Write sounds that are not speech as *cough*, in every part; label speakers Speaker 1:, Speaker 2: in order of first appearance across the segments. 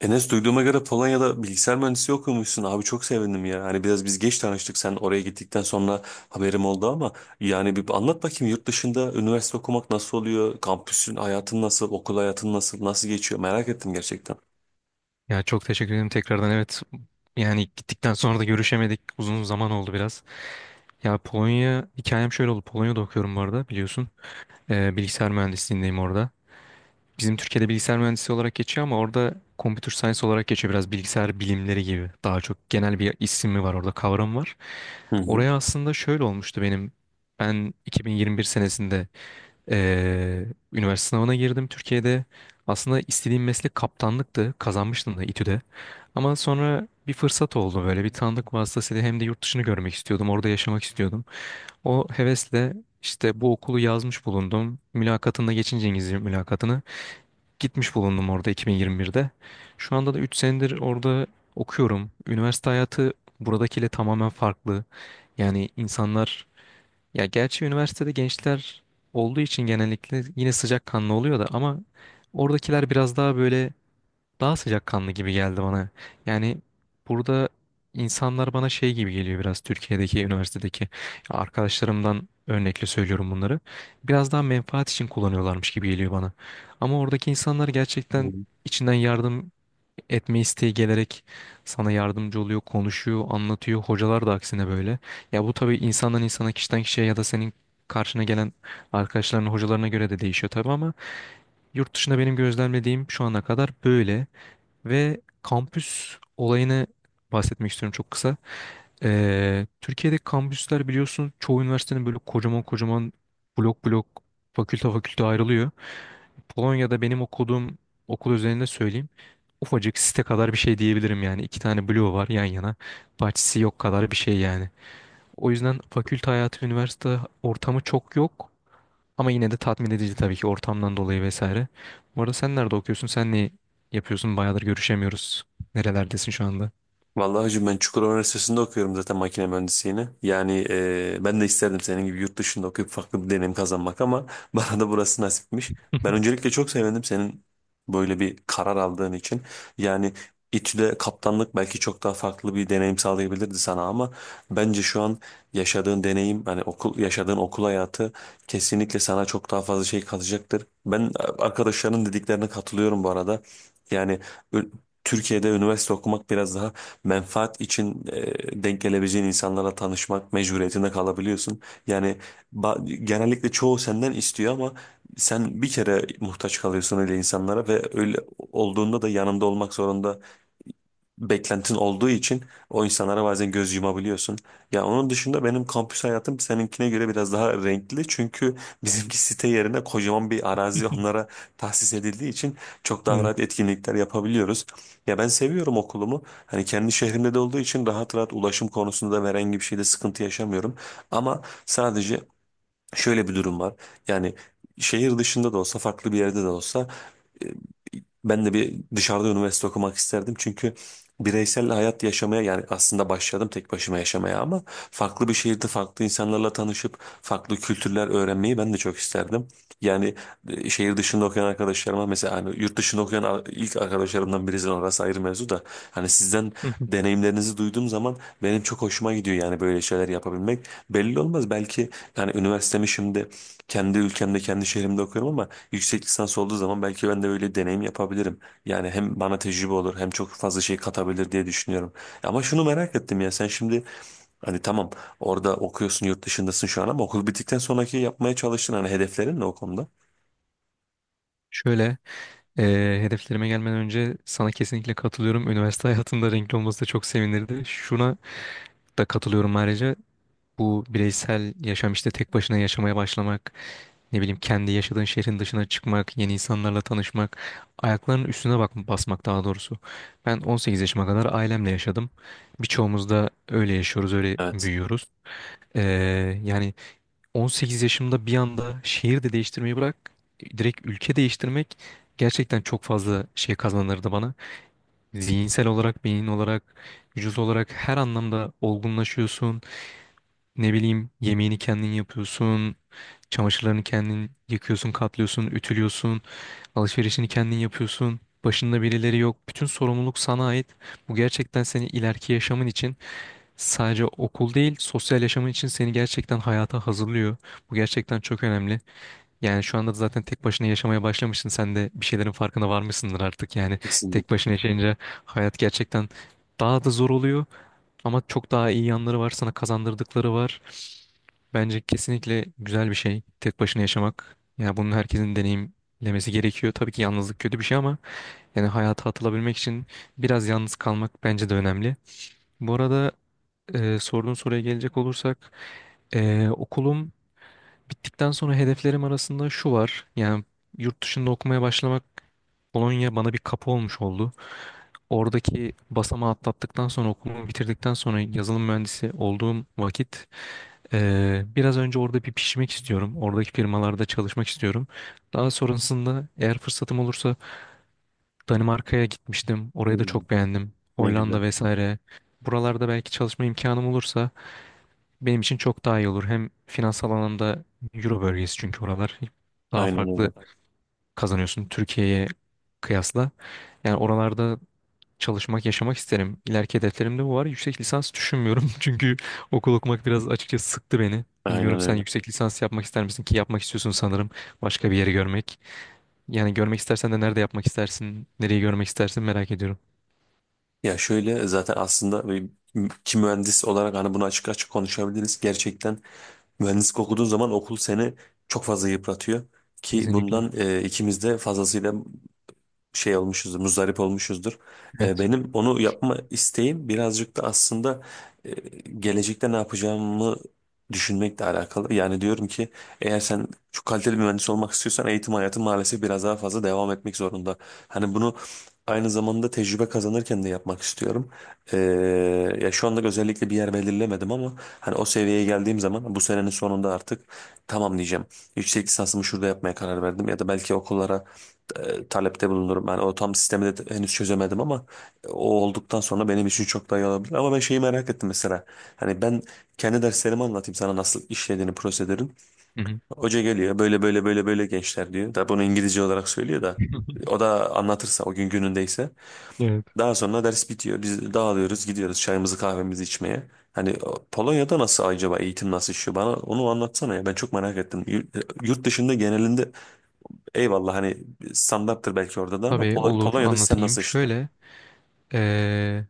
Speaker 1: Enes, duyduğuma göre Polonya'da bilgisayar mühendisi okumuşsun. Abi çok sevindim ya. Hani biraz biz geç tanıştık. Sen oraya gittikten sonra haberim oldu ama yani bir anlat bakayım, yurt dışında üniversite okumak nasıl oluyor? Kampüsün, hayatın nasıl? Okul hayatın nasıl? Nasıl geçiyor? Merak ettim gerçekten.
Speaker 2: Ya çok teşekkür ederim tekrardan. Evet, yani gittikten sonra da görüşemedik. Uzun zaman oldu biraz. Ya, Polonya hikayem şöyle oldu. Polonya'da okuyorum bu arada, biliyorsun. Bilgisayar mühendisliğindeyim orada. Bizim Türkiye'de bilgisayar mühendisi olarak geçiyor ama orada computer science olarak geçiyor. Biraz bilgisayar bilimleri gibi. Daha çok genel bir ismi var orada, kavram var.
Speaker 1: Hı hı.
Speaker 2: Oraya aslında şöyle olmuştu benim. Ben 2021 senesinde ee, üniversite sınavına girdim Türkiye'de. Aslında istediğim meslek kaptanlıktı. Kazanmıştım da İTÜ'de. Ama sonra bir fırsat oldu, böyle bir tanıdık vasıtasıyla, hem de yurt dışını görmek istiyordum. Orada yaşamak istiyordum. O hevesle işte bu okulu yazmış bulundum. Mülakatında geçince, İngilizce mülakatını, gitmiş bulundum orada 2021'de. Şu anda da 3 senedir orada okuyorum. Üniversite hayatı buradakiyle tamamen farklı. Yani insanlar, ya gerçi üniversitede gençler olduğu için genellikle yine sıcakkanlı oluyor da, ama oradakiler biraz daha böyle, daha sıcakkanlı gibi geldi bana. Yani burada insanlar bana şey gibi geliyor, biraz Türkiye'deki üniversitedeki, ya arkadaşlarımdan örnekle söylüyorum bunları. Biraz daha menfaat için kullanıyorlarmış gibi geliyor bana. Ama oradaki insanlar gerçekten
Speaker 1: Hı.
Speaker 2: içinden yardım etme isteği gelerek sana yardımcı oluyor, konuşuyor, anlatıyor. Hocalar da aksine böyle. Ya bu tabii insandan insana, kişiden kişiye, ya da senin karşına gelen arkadaşların, hocalarına göre de değişiyor tabii, ama yurt dışında benim gözlemlediğim şu ana kadar böyle. Ve kampüs olayını bahsetmek istiyorum çok kısa. Türkiye'deki kampüsler biliyorsun, çoğu üniversitenin böyle kocaman kocaman, blok blok, fakülte fakülte ayrılıyor. Polonya'da benim okuduğum okul özelinde söyleyeyim. Ufacık site kadar bir şey diyebilirim yani. İki tane bloğu var yan yana. Bahçesi yok kadar bir şey yani. O yüzden fakülte hayatı, üniversite ortamı çok yok. Ama yine de tatmin edici tabii ki, ortamdan dolayı vesaire. Bu arada sen nerede okuyorsun? Sen ne yapıyorsun? Bayağıdır görüşemiyoruz. Nerelerdesin şu anda?
Speaker 1: Vallahi hacı, ben Çukurova Üniversitesi'nde okuyorum zaten, makine mühendisliğini. Yani ben de isterdim senin gibi yurt dışında okuyup farklı bir deneyim kazanmak, ama *laughs* bana da burası nasipmiş. Ben öncelikle çok sevindim senin böyle bir karar aldığın için. Yani İTÜ'de kaptanlık belki çok daha farklı bir deneyim sağlayabilirdi sana, ama bence şu an yaşadığın deneyim, hani okul, yaşadığın okul hayatı kesinlikle sana çok daha fazla şey katacaktır. Ben arkadaşlarının dediklerine katılıyorum bu arada. Yani ö- Türkiye'de üniversite okumak biraz daha menfaat için, denk gelebileceğin insanlarla tanışmak mecburiyetinde kalabiliyorsun. Yani genellikle çoğu senden istiyor ama sen bir kere muhtaç kalıyorsun öyle insanlara ve öyle olduğunda da yanında olmak zorunda, beklentin olduğu için o insanlara bazen göz yumabiliyorsun. Ya, onun dışında benim kampüs hayatım seninkine göre biraz daha renkli. Çünkü bizimki, site yerine kocaman bir arazi
Speaker 2: *laughs*
Speaker 1: onlara tahsis edildiği için, çok daha
Speaker 2: Evet.
Speaker 1: rahat etkinlikler yapabiliyoruz. Ya ben seviyorum okulumu. Hani kendi şehrimde de olduğu için rahat rahat, ulaşım konusunda da herhangi bir şeyde sıkıntı yaşamıyorum. Ama sadece şöyle bir durum var. Yani şehir dışında da olsa, farklı bir yerde de olsa, e, ben de bir dışarıda üniversite okumak isterdim. Çünkü bireysel hayat yaşamaya, yani aslında başladım tek başıma yaşamaya, ama farklı bir şehirde farklı insanlarla tanışıp farklı kültürler öğrenmeyi ben de çok isterdim. Yani şehir dışında okuyan arkadaşlarıma mesela, hani yurt dışında okuyan ilk arkadaşlarımdan birisi, orası ayrı mevzu da, hani sizden
Speaker 2: *laughs*
Speaker 1: deneyimlerinizi duyduğum zaman benim çok hoşuma gidiyor, yani böyle şeyler yapabilmek. Belli olmaz, belki yani üniversitemi şimdi kendi ülkemde, kendi şehrimde okuyorum ama yüksek lisans olduğu zaman belki ben de öyle deneyim yapabilirim. Yani hem bana tecrübe olur, hem çok fazla şey katabilir diye düşünüyorum. Ama şunu merak ettim ya, sen şimdi, hani tamam, orada okuyorsun, yurt dışındasın şu an, ama okul bittikten sonraki yapmaya çalıştın, hani hedeflerin ne o konuda?
Speaker 2: Şöyle. Hedeflerime gelmeden önce sana kesinlikle katılıyorum. Üniversite hayatında renkli olması da çok sevinirdi. Şuna da katılıyorum ayrıca. Bu bireysel yaşam, işte tek başına yaşamaya başlamak, ne bileyim kendi yaşadığın şehrin dışına çıkmak, yeni insanlarla tanışmak, ayaklarının üstüne bak basmak daha doğrusu. Ben 18 yaşıma kadar ailemle yaşadım. Birçoğumuz da öyle yaşıyoruz, öyle
Speaker 1: Evet,
Speaker 2: büyüyoruz. Yani 18 yaşımda bir anda şehir de değiştirmeyi bırak, direkt ülke değiştirmek gerçekten çok fazla şey kazandırdı bana. Zihinsel olarak, beyin olarak, vücut olarak her anlamda olgunlaşıyorsun. Ne bileyim, yemeğini kendin yapıyorsun. Çamaşırlarını kendin yıkıyorsun, katlıyorsun, ütülüyorsun. Alışverişini kendin yapıyorsun. Başında birileri yok. Bütün sorumluluk sana ait. Bu gerçekten seni ileriki yaşamın için, sadece okul değil, sosyal yaşamın için seni gerçekten hayata hazırlıyor. Bu gerçekten çok önemli. Yani şu anda da zaten tek başına yaşamaya başlamışsın. Sen de bir şeylerin farkına varmışsındır artık. Yani tek
Speaker 1: kesinlikle.
Speaker 2: başına yaşayınca hayat gerçekten daha da zor oluyor. Ama çok daha iyi yanları var. Sana kazandırdıkları var. Bence kesinlikle güzel bir şey tek başına yaşamak. Yani bunun herkesin deneyimlemesi gerekiyor. Tabii ki yalnızlık kötü bir şey, ama yani hayata atılabilmek için biraz yalnız kalmak bence de önemli. Bu arada sorduğun soruya gelecek olursak okulum bittikten sonra hedeflerim arasında şu var. Yani yurt dışında okumaya başlamak, Polonya bana bir kapı olmuş oldu. Oradaki basamağı atlattıktan sonra, okulumu bitirdikten sonra, yazılım mühendisi olduğum vakit biraz önce orada bir pişmek istiyorum. Oradaki firmalarda çalışmak istiyorum. Daha sonrasında eğer fırsatım olursa, Danimarka'ya gitmiştim, orayı da
Speaker 1: Hmm,
Speaker 2: çok beğendim,
Speaker 1: ne güzel.
Speaker 2: Hollanda vesaire. Buralarda belki çalışma imkanım olursa benim için çok daha iyi olur. Hem finansal anlamda Euro bölgesi çünkü oralar, daha
Speaker 1: Aynen
Speaker 2: farklı
Speaker 1: öyle.
Speaker 2: kazanıyorsun Türkiye'ye kıyasla. Yani oralarda çalışmak, yaşamak isterim. İleriki hedeflerimde bu var. Yüksek lisans düşünmüyorum *laughs* çünkü okul okumak biraz açıkçası sıktı beni.
Speaker 1: Aynen
Speaker 2: Bilmiyorum sen
Speaker 1: öyle.
Speaker 2: yüksek lisans yapmak ister misin, ki yapmak istiyorsun sanırım, başka bir yeri görmek. Yani görmek istersen de nerede yapmak istersin, nereyi görmek istersin merak ediyorum.
Speaker 1: Ya şöyle, zaten aslında ki mühendis olarak hani bunu açık açık konuşabiliriz. Gerçekten mühendislik okuduğun zaman okul seni çok fazla yıpratıyor. Ki
Speaker 2: Kesinlikle.
Speaker 1: bundan ikimiz de fazlasıyla şey olmuşuzdur, muzdarip olmuşuzdur.
Speaker 2: Evet.
Speaker 1: Benim onu yapma isteğim birazcık da aslında e, gelecekte ne yapacağımı düşünmekle alakalı. Yani diyorum ki, eğer sen çok kaliteli bir mühendis olmak istiyorsan eğitim hayatı maalesef biraz daha fazla devam etmek zorunda. Hani bunu aynı zamanda tecrübe kazanırken de yapmak istiyorum. Ee, ya şu anda özellikle bir yer belirlemedim ama hani o seviyeye geldiğim zaman, bu senenin sonunda artık tamam diyeceğim. Yüksek lisansımı şurada yapmaya karar verdim, ya da belki okullara talepte bulunurum. Yani o tam sistemi de henüz çözemedim ama o olduktan sonra benim için çok daha iyi olabilir. Ama ben şeyi merak ettim mesela. Hani ben kendi derslerimi anlatayım sana, nasıl işlediğini prosedürün.
Speaker 2: Hı hı.
Speaker 1: Hoca geliyor, böyle böyle böyle böyle gençler diyor. Da bunu İngilizce olarak söylüyor da. O
Speaker 2: *laughs*
Speaker 1: da anlatırsa, o gün günündeyse.
Speaker 2: Evet.
Speaker 1: Daha sonra ders bitiyor. Biz dağılıyoruz, gidiyoruz çayımızı kahvemizi içmeye. Hani o, Polonya'da nasıl acaba, eğitim nasıl işliyor, bana onu anlatsana ya, ben çok merak ettim. Yurt dışında genelinde, eyvallah, hani standarttır belki orada da, ama
Speaker 2: Tabii, olur,
Speaker 1: Polonya'da sistem nasıl
Speaker 2: anlatayım.
Speaker 1: işliyor?
Speaker 2: Şöyle, eee,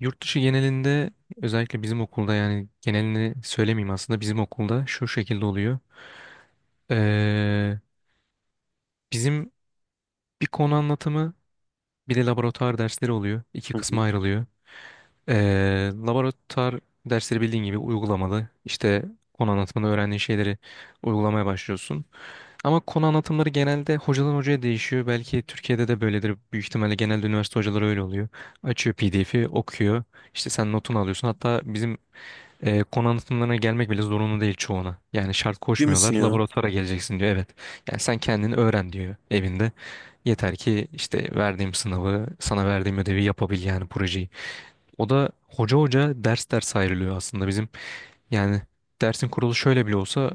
Speaker 2: yurt dışı genelinde, özellikle bizim okulda, yani genelini söylemeyeyim, aslında bizim okulda şu şekilde oluyor. Ee, bizim bir konu anlatımı, bir de laboratuvar dersleri oluyor. İki
Speaker 1: Hı hı.
Speaker 2: kısma ayrılıyor. Laboratuvar dersleri bildiğin gibi uygulamalı. İşte konu anlatımında öğrendiğin şeyleri uygulamaya başlıyorsun. Ama konu anlatımları genelde hocadan hocaya değişiyor. Belki Türkiye'de de böyledir. Büyük ihtimalle genelde üniversite hocaları öyle oluyor. Açıyor PDF'i, okuyor. İşte sen notunu alıyorsun. Hatta bizim konu anlatımlarına gelmek bile zorunlu değil çoğuna. Yani şart
Speaker 1: Değil misin
Speaker 2: koşmuyorlar.
Speaker 1: ya?
Speaker 2: Laboratuvara geleceksin diyor. Evet. Yani sen kendini öğren diyor evinde. Yeter ki işte verdiğim sınavı, sana verdiğim ödevi yapabil, yani projeyi. O da hoca hoca, ders ders ayrılıyor aslında bizim. Yani dersin kurulu şöyle bile olsa,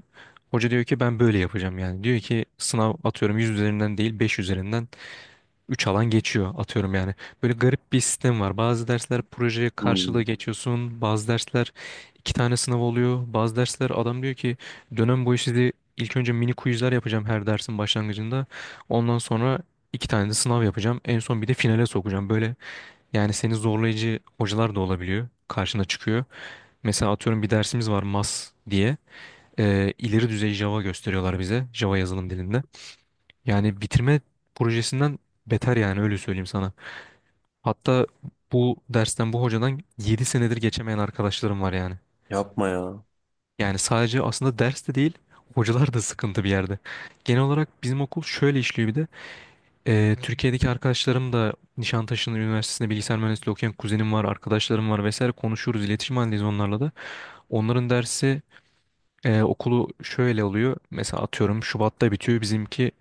Speaker 2: hoca diyor ki ben böyle yapacağım yani. Diyor ki sınav atıyorum 100 üzerinden değil 5 üzerinden, üç alan geçiyor atıyorum yani. Böyle garip bir sistem var. Bazı dersler proje karşılığı
Speaker 1: Hmm.
Speaker 2: geçiyorsun. Bazı dersler iki tane sınav oluyor. Bazı dersler adam diyor ki dönem boyu sizi, ilk önce mini quizler yapacağım her dersin başlangıcında. Ondan sonra iki tane de sınav yapacağım. En son bir de finale sokacağım. Böyle, yani seni zorlayıcı hocalar da olabiliyor. Karşına çıkıyor. Mesela atıyorum bir dersimiz var MAS diye. İleri düzey Java gösteriyorlar bize. Java yazılım dilinde. Yani bitirme projesinden beter, yani öyle söyleyeyim sana. Hatta bu dersten bu hocadan 7 senedir geçemeyen arkadaşlarım var yani.
Speaker 1: Yapma ya.
Speaker 2: Yani sadece aslında ders de değil, hocalar da sıkıntı bir yerde. Genel olarak bizim okul şöyle işliyor bir de. Türkiye'deki arkadaşlarım da, Nişantaşı'nın üniversitesinde bilgisayar mühendisliği okuyan kuzenim var, arkadaşlarım var vesaire, konuşuyoruz, iletişim halindeyiz onlarla da. Onların dersi okulu şöyle oluyor. Mesela atıyorum Şubat'ta bitiyor bizimki,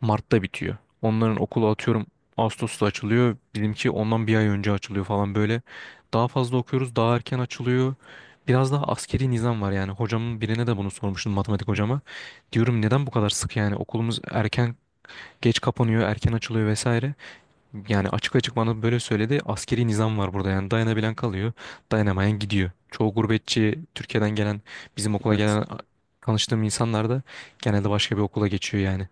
Speaker 2: Mart'ta bitiyor. Onların okulu atıyorum Ağustos'ta açılıyor. Bizimki ondan bir ay önce açılıyor falan böyle. Daha fazla okuyoruz, daha erken açılıyor. Biraz daha askeri nizam var yani. Hocamın birine de bunu sormuştum, matematik hocama. Diyorum neden bu kadar sık, yani okulumuz erken geç kapanıyor, erken açılıyor vesaire. Yani açık açık bana böyle söyledi. Askeri nizam var burada, yani dayanabilen kalıyor, dayanamayan gidiyor. Çoğu gurbetçi Türkiye'den gelen, bizim okula
Speaker 1: Evet.
Speaker 2: gelen, tanıştığım insanlar da genelde başka bir okula geçiyor yani.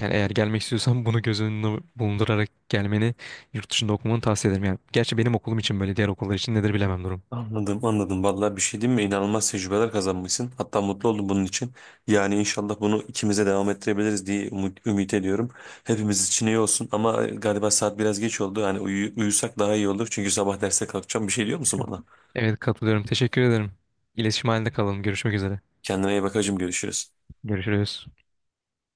Speaker 2: Yani eğer gelmek istiyorsan bunu göz önüne bulundurarak gelmeni, yurt dışında okumanı tavsiye ederim. Yani gerçi benim okulum için böyle, diğer okullar için nedir bilemem durum.
Speaker 1: Anladım, anladım. Vallahi bir şey diyeyim mi? İnanılmaz tecrübeler kazanmışsın. Hatta mutlu oldum bunun için. Yani inşallah bunu ikimize devam ettirebiliriz diye umut, ümit ediyorum. Hepimiz için iyi olsun ama galiba saat biraz geç oldu. Yani uyusak daha iyi olur. Çünkü sabah derse kalkacağım. Bir şey diyor musun
Speaker 2: *laughs*
Speaker 1: bana?
Speaker 2: Evet, katılıyorum. Teşekkür ederim. İletişim halinde kalalım. Görüşmek üzere.
Speaker 1: Kendine iyi bak hacım, görüşürüz.
Speaker 2: Görüşürüz.